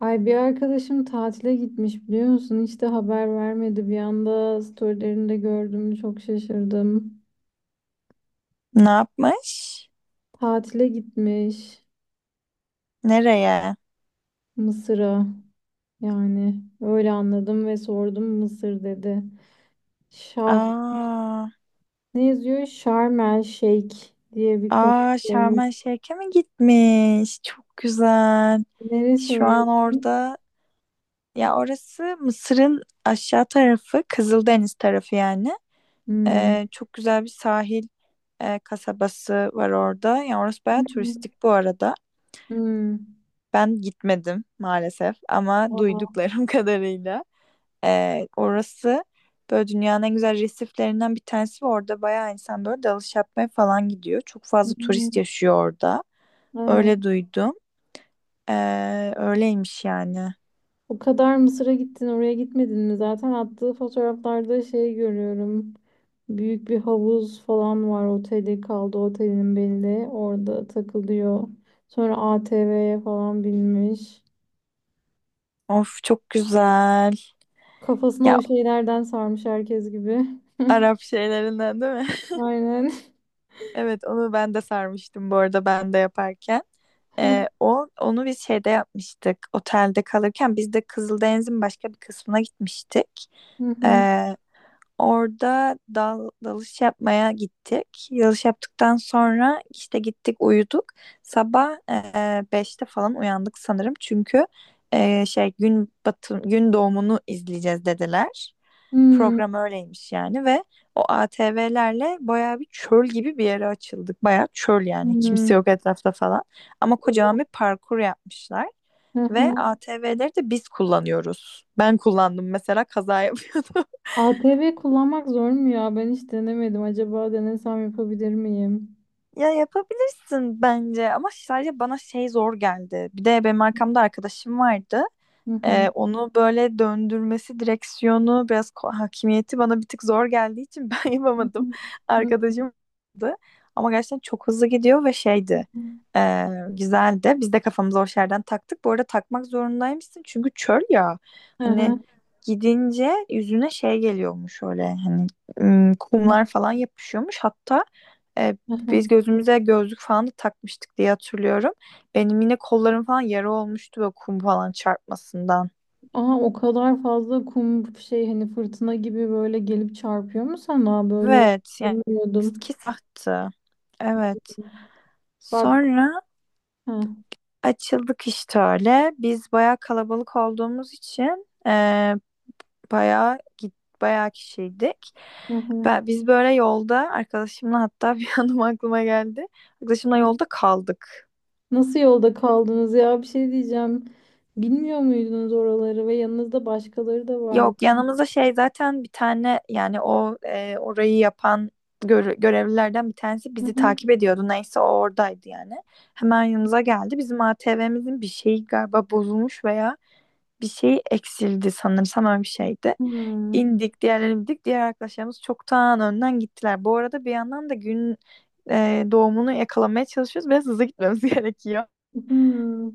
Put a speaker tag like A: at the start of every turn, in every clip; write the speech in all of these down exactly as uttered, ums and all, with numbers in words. A: Ay, bir arkadaşım tatile gitmiş, biliyor musun? Hiç de haber vermedi. Bir anda storylerinde gördüm. Çok şaşırdım.
B: Ne yapmış?
A: Tatile gitmiş
B: Nereye?
A: Mısır'a. Yani öyle anladım ve sordum, Mısır dedi. Şah
B: Aa.
A: ne yazıyor? Şarm El Şeyh diye bir konu
B: Aa, Şarm
A: olmuş.
B: El Şeyh'e mi gitmiş? Çok güzel.
A: Neresi
B: Şu
A: orası?
B: an orada, ya orası Mısır'ın aşağı tarafı, Kızıldeniz tarafı yani.
A: Hmm.
B: Ee, çok güzel bir sahil e, kasabası var orada. Yani orası bayağı
A: Hmm.
B: turistik bu arada.
A: Hmm.
B: Ben gitmedim maalesef ama
A: Aa.
B: duyduklarım kadarıyla. Ee, orası böyle dünyanın en güzel resiflerinden bir tanesi ve orada bayağı insan böyle dalış yapmaya falan gidiyor. Çok fazla turist
A: Hmm.
B: yaşıyor orada.
A: Aa.
B: Öyle duydum. Ee, öyleymiş yani.
A: O kadar Mısır'a gittin, oraya gitmedin mi? Zaten attığı fotoğraflarda şey görüyorum. Büyük bir havuz falan var. Oteli kaldı, otelin belli. Orada takılıyor. Sonra A T V'ye falan binmiş.
B: Of, çok güzel.
A: Kafasına
B: Ya
A: o şeylerden sarmış herkes gibi.
B: Arap şeylerinden değil mi?
A: Aynen.
B: Evet, onu ben de sarmıştım bu arada ben de yaparken. Ee, o onu biz şeyde yapmıştık. Otelde kalırken biz de Kızıldeniz'in başka bir kısmına gitmiştik.
A: Hı hı.
B: Ee, Orada dal, dalış yapmaya gittik. Dalış yaptıktan sonra işte gittik uyuduk. Sabah e, beşte falan uyandık sanırım. Çünkü e, şey, gün batım gün doğumunu izleyeceğiz dediler.
A: Hmm,
B: Program öyleymiş yani ve o A T V'lerle bayağı bir çöl gibi bir yere açıldık. Bayağı çöl yani. Kimse
A: hı
B: yok etrafta falan. Ama kocaman bir parkur yapmışlar.
A: hı,
B: Ve
A: hı.
B: A T V'leri de biz kullanıyoruz. Ben kullandım mesela, kaza yapıyordum.
A: A T V kullanmak zor mu ya? Ben hiç denemedim. Acaba denesem yapabilir miyim?
B: Ya yapabilirsin bence ama sadece bana şey zor geldi. Bir de benim arkamda arkadaşım vardı.
A: Hı hı.
B: Ee, onu böyle döndürmesi, direksiyonu, biraz ko- hakimiyeti bana bir tık zor geldiği için ben
A: Hı
B: yapamadım.
A: hı.
B: Arkadaşım vardı. Ama gerçekten çok hızlı gidiyor ve şeydi. Ee, güzeldi. Biz de kafamıza o şerden taktık. Bu arada takmak zorundaymışsın çünkü çöl ya.
A: Hı
B: Hani
A: hı.
B: gidince yüzüne şey geliyormuş, öyle hani ım,
A: Hı hı.
B: kumlar falan yapışıyormuş. Hatta e,
A: Hı hı.
B: biz gözümüze gözlük falan da takmıştık diye hatırlıyorum. Benim yine kollarım falan yara olmuştu böyle kum falan çarpmasından.
A: Aa, o kadar fazla kum şey, hani fırtına gibi böyle gelip çarpıyor mu sana? Böyle olduğunu
B: Evet yani
A: bilmiyordum.
B: ki sahtı. Evet.
A: Bak.
B: Sonra
A: Ha.
B: açıldık işte öyle. Biz bayağı kalabalık olduğumuz için eee bayağı git bayağı kişiydik.
A: Hı hı.
B: Ben, biz böyle yolda arkadaşımla, hatta bir anım aklıma geldi. Arkadaşımla yolda kaldık.
A: Nasıl yolda kaldınız ya? Bir şey diyeceğim. Bilmiyor muydunuz oraları ve yanınızda başkaları da vardı?
B: Yok, yanımızda şey zaten bir tane, yani o e, orayı yapan gör- görevlilerden bir tanesi
A: Hı
B: bizi
A: hı.
B: takip ediyordu. Neyse, o oradaydı yani. Hemen yanımıza geldi. Bizim A T V'mizin bir şeyi galiba bozulmuş veya bir şey eksildi sanırsam, öyle bir şeydi. İndik, diğerleri indik. Diğer arkadaşlarımız çoktan önden gittiler. Bu arada bir yandan da gün e, doğumunu yakalamaya çalışıyoruz. Biraz hızlı gitmemiz gerekiyor.
A: Hı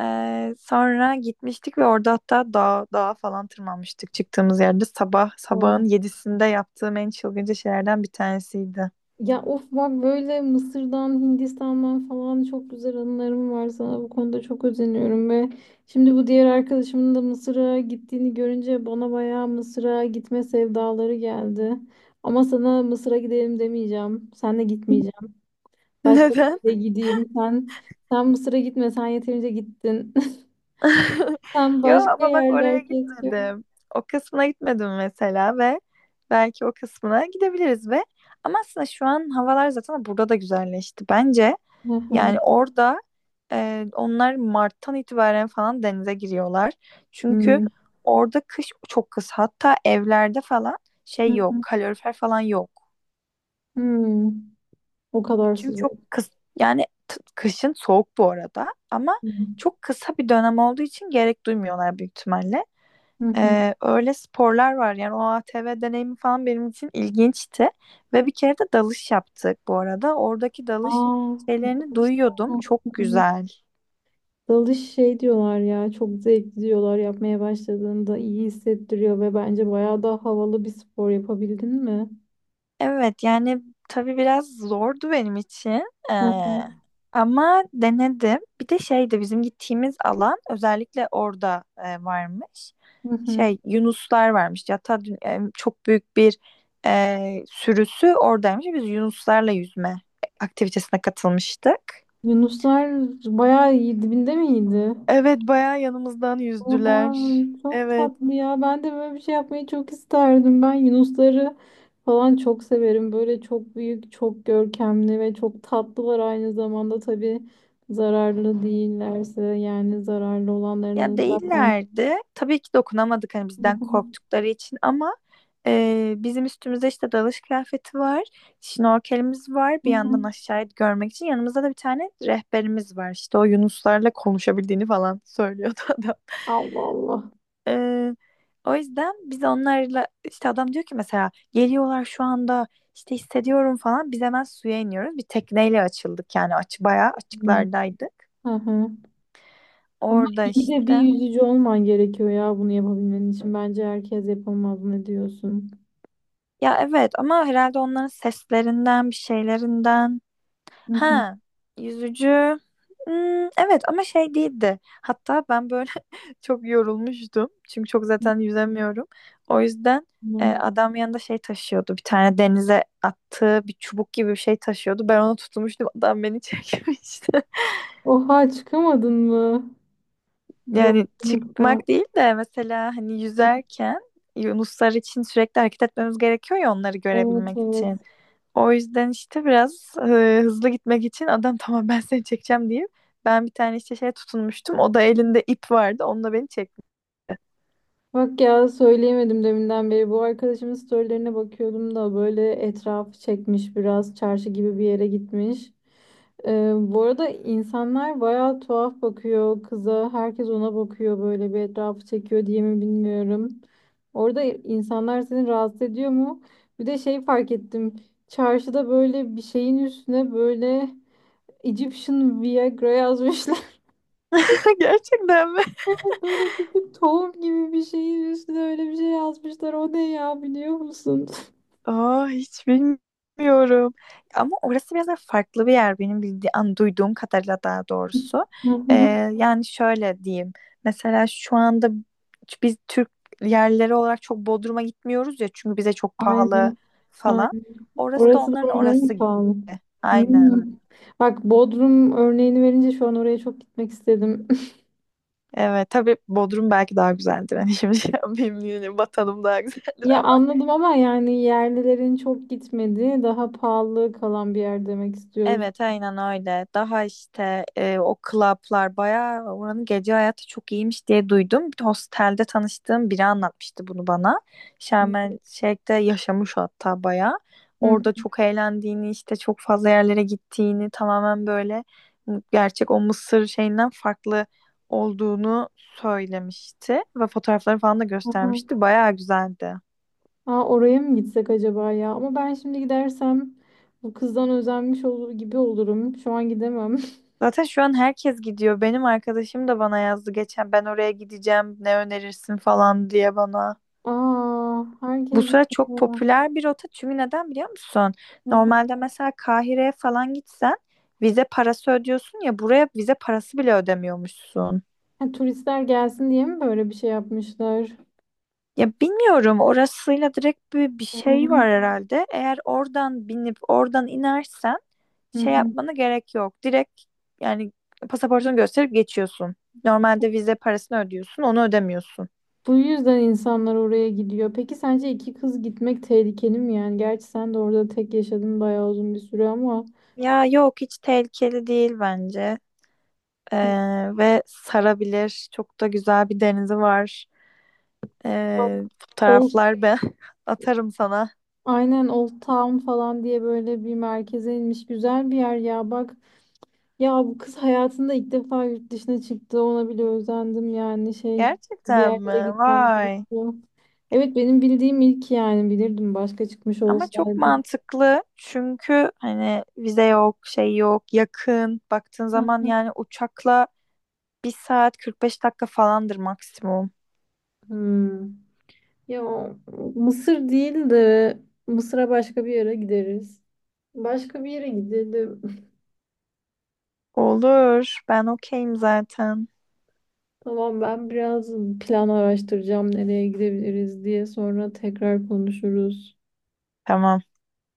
B: Ee, sonra gitmiştik ve orada hatta dağ, dağa falan tırmanmıştık çıktığımız yerde. Sabah,
A: hı.
B: sabahın yedisinde yaptığım en çılgınca şeylerden bir tanesiydi.
A: Ya of, bak böyle Mısır'dan, Hindistan'dan falan çok güzel anılarım var sana. Bu konuda çok özeniyorum ve şimdi bu diğer arkadaşımın da Mısır'a gittiğini görünce bana bayağı Mısır'a gitme sevdaları geldi. Ama sana Mısır'a gidelim demeyeceğim. Sen de gitmeyeceğim. Başka
B: Neden?
A: bir yere gideyim. Sen, sen Mısır'a gitme. Sen yeterince gittin. Sen
B: Yo,
A: başka
B: ama bak oraya
A: yerler keşke.
B: gitmedim. O kısmına gitmedim mesela ve belki o kısmına gidebiliriz ve ama aslında şu an havalar zaten burada da güzelleşti. Bence
A: Hı hı.
B: yani orada e, onlar Mart'tan itibaren falan denize giriyorlar. Çünkü
A: Hmm.
B: orada kış çok kısa. Hatta evlerde falan şey
A: Hı
B: yok,
A: hı.
B: kalorifer falan yok.
A: Hmm. O kadar
B: Çünkü çok
A: sıcak.
B: kıs yani t- kışın soğuk bu arada, ama
A: Hı hı.
B: çok kısa bir dönem olduğu için gerek duymuyorlar büyük ihtimalle.
A: Hı hı.
B: Ee, öyle sporlar var yani, o A T V deneyimi falan benim için ilginçti ve bir kere de dalış yaptık bu arada. Oradaki dalış
A: Aa,
B: şeylerini
A: dalış,
B: duyuyordum, çok güzel.
A: dalış şey diyorlar ya, çok zevkli diyorlar, yapmaya başladığında iyi hissettiriyor ve bence bayağı daha havalı bir spor. Yapabildin mi?
B: Evet yani, tabii biraz zordu benim için. Ee,
A: Hı hı.
B: Ama denedim. Bir de şeydi, bizim gittiğimiz alan özellikle, orada e, varmış
A: Hı hı.
B: şey, yunuslar varmış. Hatta dün- e, çok büyük bir e, sürüsü oradaymış. Biz yunuslarla yüzme aktivitesine katılmıştık.
A: Yunuslar bayağı iyi dibinde miydi?
B: Evet, bayağı yanımızdan
A: Oha,
B: yüzdüler.
A: çok
B: Evet.
A: tatlı ya. Ben de böyle bir şey yapmayı çok isterdim. Ben yunusları falan çok severim. Böyle çok büyük, çok görkemli ve çok tatlılar aynı zamanda. Tabii zararlı değillerse, yani zararlı
B: Ya
A: olanlarının zaten.
B: değillerdi. Tabii ki dokunamadık hani,
A: Hı
B: bizden
A: hı,
B: korktukları için ama e, bizim üstümüzde işte dalış kıyafeti var, şnorkelimiz var.
A: hı
B: Bir yandan
A: hı.
B: aşağıya görmek için yanımızda da bir tane rehberimiz var. İşte o yunuslarla konuşabildiğini falan söylüyordu adam.
A: Allah Allah.
B: E, O yüzden biz onlarla işte, adam diyor ki mesela geliyorlar şu anda işte, hissediyorum falan. Biz hemen suya iniyoruz. Bir tekneyle açıldık yani, aç bayağı
A: Hmm,
B: açıklardaydık.
A: hı hı. Ama
B: Orada
A: iyi de bir
B: işte.
A: yüzücü olman gerekiyor ya bunu yapabilmen için. Bence herkes yapamaz. Ne diyorsun?
B: Ya evet, ama herhalde onların seslerinden, bir şeylerinden.
A: Hı hı.
B: Ha, yüzücü. Hmm, evet ama şey değildi. Hatta ben böyle çok yorulmuştum. Çünkü çok zaten yüzemiyorum. O yüzden e,
A: Tamam.
B: adam yanında şey taşıyordu. Bir tane, denize attığı bir çubuk gibi bir şey taşıyordu. Ben onu tutmuştum. Adam beni çekmişti.
A: Oha, çıkamadın mı? Yok.
B: Yani çıkmak değil de mesela hani yüzerken yunuslar için sürekli hareket etmemiz gerekiyor ya, onları
A: Evet,
B: görebilmek
A: evet.
B: için. O yüzden işte biraz e, hızlı gitmek için adam tamam ben seni çekeceğim diye, ben bir tane işte şeye tutunmuştum. O da elinde ip vardı. Onunla beni çekti.
A: Bak ya, söyleyemedim deminden beri. Bu arkadaşımın storylerine bakıyordum da, böyle etrafı çekmiş, biraz çarşı gibi bir yere gitmiş. Ee, bu arada insanlar bayağı tuhaf bakıyor kıza. Herkes ona bakıyor, böyle bir etrafı çekiyor diye mi bilmiyorum. Orada insanlar seni rahatsız ediyor mu? Bir de şey fark ettim. Çarşıda böyle bir şeyin üstüne böyle Egyptian Viagra yazmışlar.
B: Gerçekten mi?
A: Böyle küçük tohum gibi bir şeyin üstüne öyle bir şey yazmışlar. O ne ya, biliyor musun?
B: Aa, hiç bilmiyorum. Ama orası biraz da farklı bir yer benim bildiğim, an, duyduğum kadarıyla daha doğrusu.
A: Hı
B: Ee,
A: hı.
B: Yani şöyle diyeyim. Mesela şu anda biz Türk yerleri olarak çok Bodrum'a gitmiyoruz ya, çünkü bize çok pahalı
A: Aynen.
B: falan.
A: Aynen.
B: Orası da
A: Orası da
B: onların orası
A: onların
B: gibi.
A: pahalı. Hmm.
B: Aynen.
A: Bak, Bodrum örneğini verince şu an oraya çok gitmek istedim.
B: Evet tabii, Bodrum belki daha güzeldir. Hani şimdi şey yapmayayım, yine vatanım daha güzeldir.
A: Ya anladım, ama yani yerlilerin çok gitmediği, daha pahalı kalan bir yer demek istiyoruz.
B: Evet aynen öyle. Daha işte e, o klaplar, bayağı oranın gece hayatı çok iyiymiş diye duydum. Bir hostelde tanıştığım biri anlatmıştı bunu bana.
A: Hı.
B: Şarm El Şeyh'te yaşamış hatta bayağı. Orada çok eğlendiğini, işte çok fazla yerlere gittiğini, tamamen böyle gerçek o Mısır şeyinden farklı olduğunu söylemişti. Ve fotoğrafları falan da
A: Hı hı.
B: göstermişti. Bayağı güzeldi.
A: Aa, oraya mı gitsek acaba ya? Ama ben şimdi gidersem bu kızdan özenmiş olur gibi olurum. Şu an gidemem.
B: Zaten şu an herkes gidiyor. Benim arkadaşım da bana yazdı geçen, ben oraya gideceğim ne önerirsin falan diye bana.
A: Aa,
B: Bu
A: herkes
B: sıra çok
A: gidiyor.
B: popüler bir rota, çünkü neden biliyor musun?
A: Hı hı.
B: Normalde mesela Kahire'ye falan gitsen vize parası ödüyorsun ya, buraya vize parası bile ödemiyormuşsun.
A: Ha, turistler gelsin diye mi böyle bir şey yapmışlar?
B: Ya bilmiyorum, orasıyla direkt bir, bir
A: Hı
B: şey var
A: hı.
B: herhalde. Eğer oradan binip oradan inersen
A: Hı
B: şey
A: hı.
B: yapmana gerek yok. Direkt yani pasaportunu gösterip geçiyorsun. Normalde vize parasını ödüyorsun, onu ödemiyorsun.
A: Bu yüzden insanlar oraya gidiyor. Peki sence iki kız gitmek tehlikeli mi yani? Gerçi sen de orada tek yaşadın bayağı uzun bir süre ama...
B: Ya yok, hiç tehlikeli değil bence. Ee, ve sarabilir. Çok da güzel bir denizi var.
A: Bak,
B: Ee,
A: Old,
B: fotoğraflar ben atarım sana.
A: aynen Old Town falan diye böyle bir merkeze inmiş, güzel bir yer ya, bak. Ya bu kız hayatında ilk defa yurt dışına çıktı. Ona bile özendim, yani şey, bir
B: Gerçekten mi?
A: yerlere gitmem
B: Vay.
A: gerekiyor. Evet, benim bildiğim ilk, yani bilirdim başka çıkmış
B: Ama çok
A: olsaydı.
B: mantıklı çünkü hani vize yok, şey yok, yakın. Baktığın
A: Heh.
B: zaman yani uçakla bir saat kırk beş dakika falandır maksimum.
A: Hmm. Ya Mısır değil de, Mısır'a başka bir yere gideriz. Başka bir yere gidelim.
B: Olur. Ben okeyim zaten.
A: Tamam, ben biraz plan araştıracağım nereye gidebiliriz diye, sonra tekrar konuşuruz.
B: Tamam.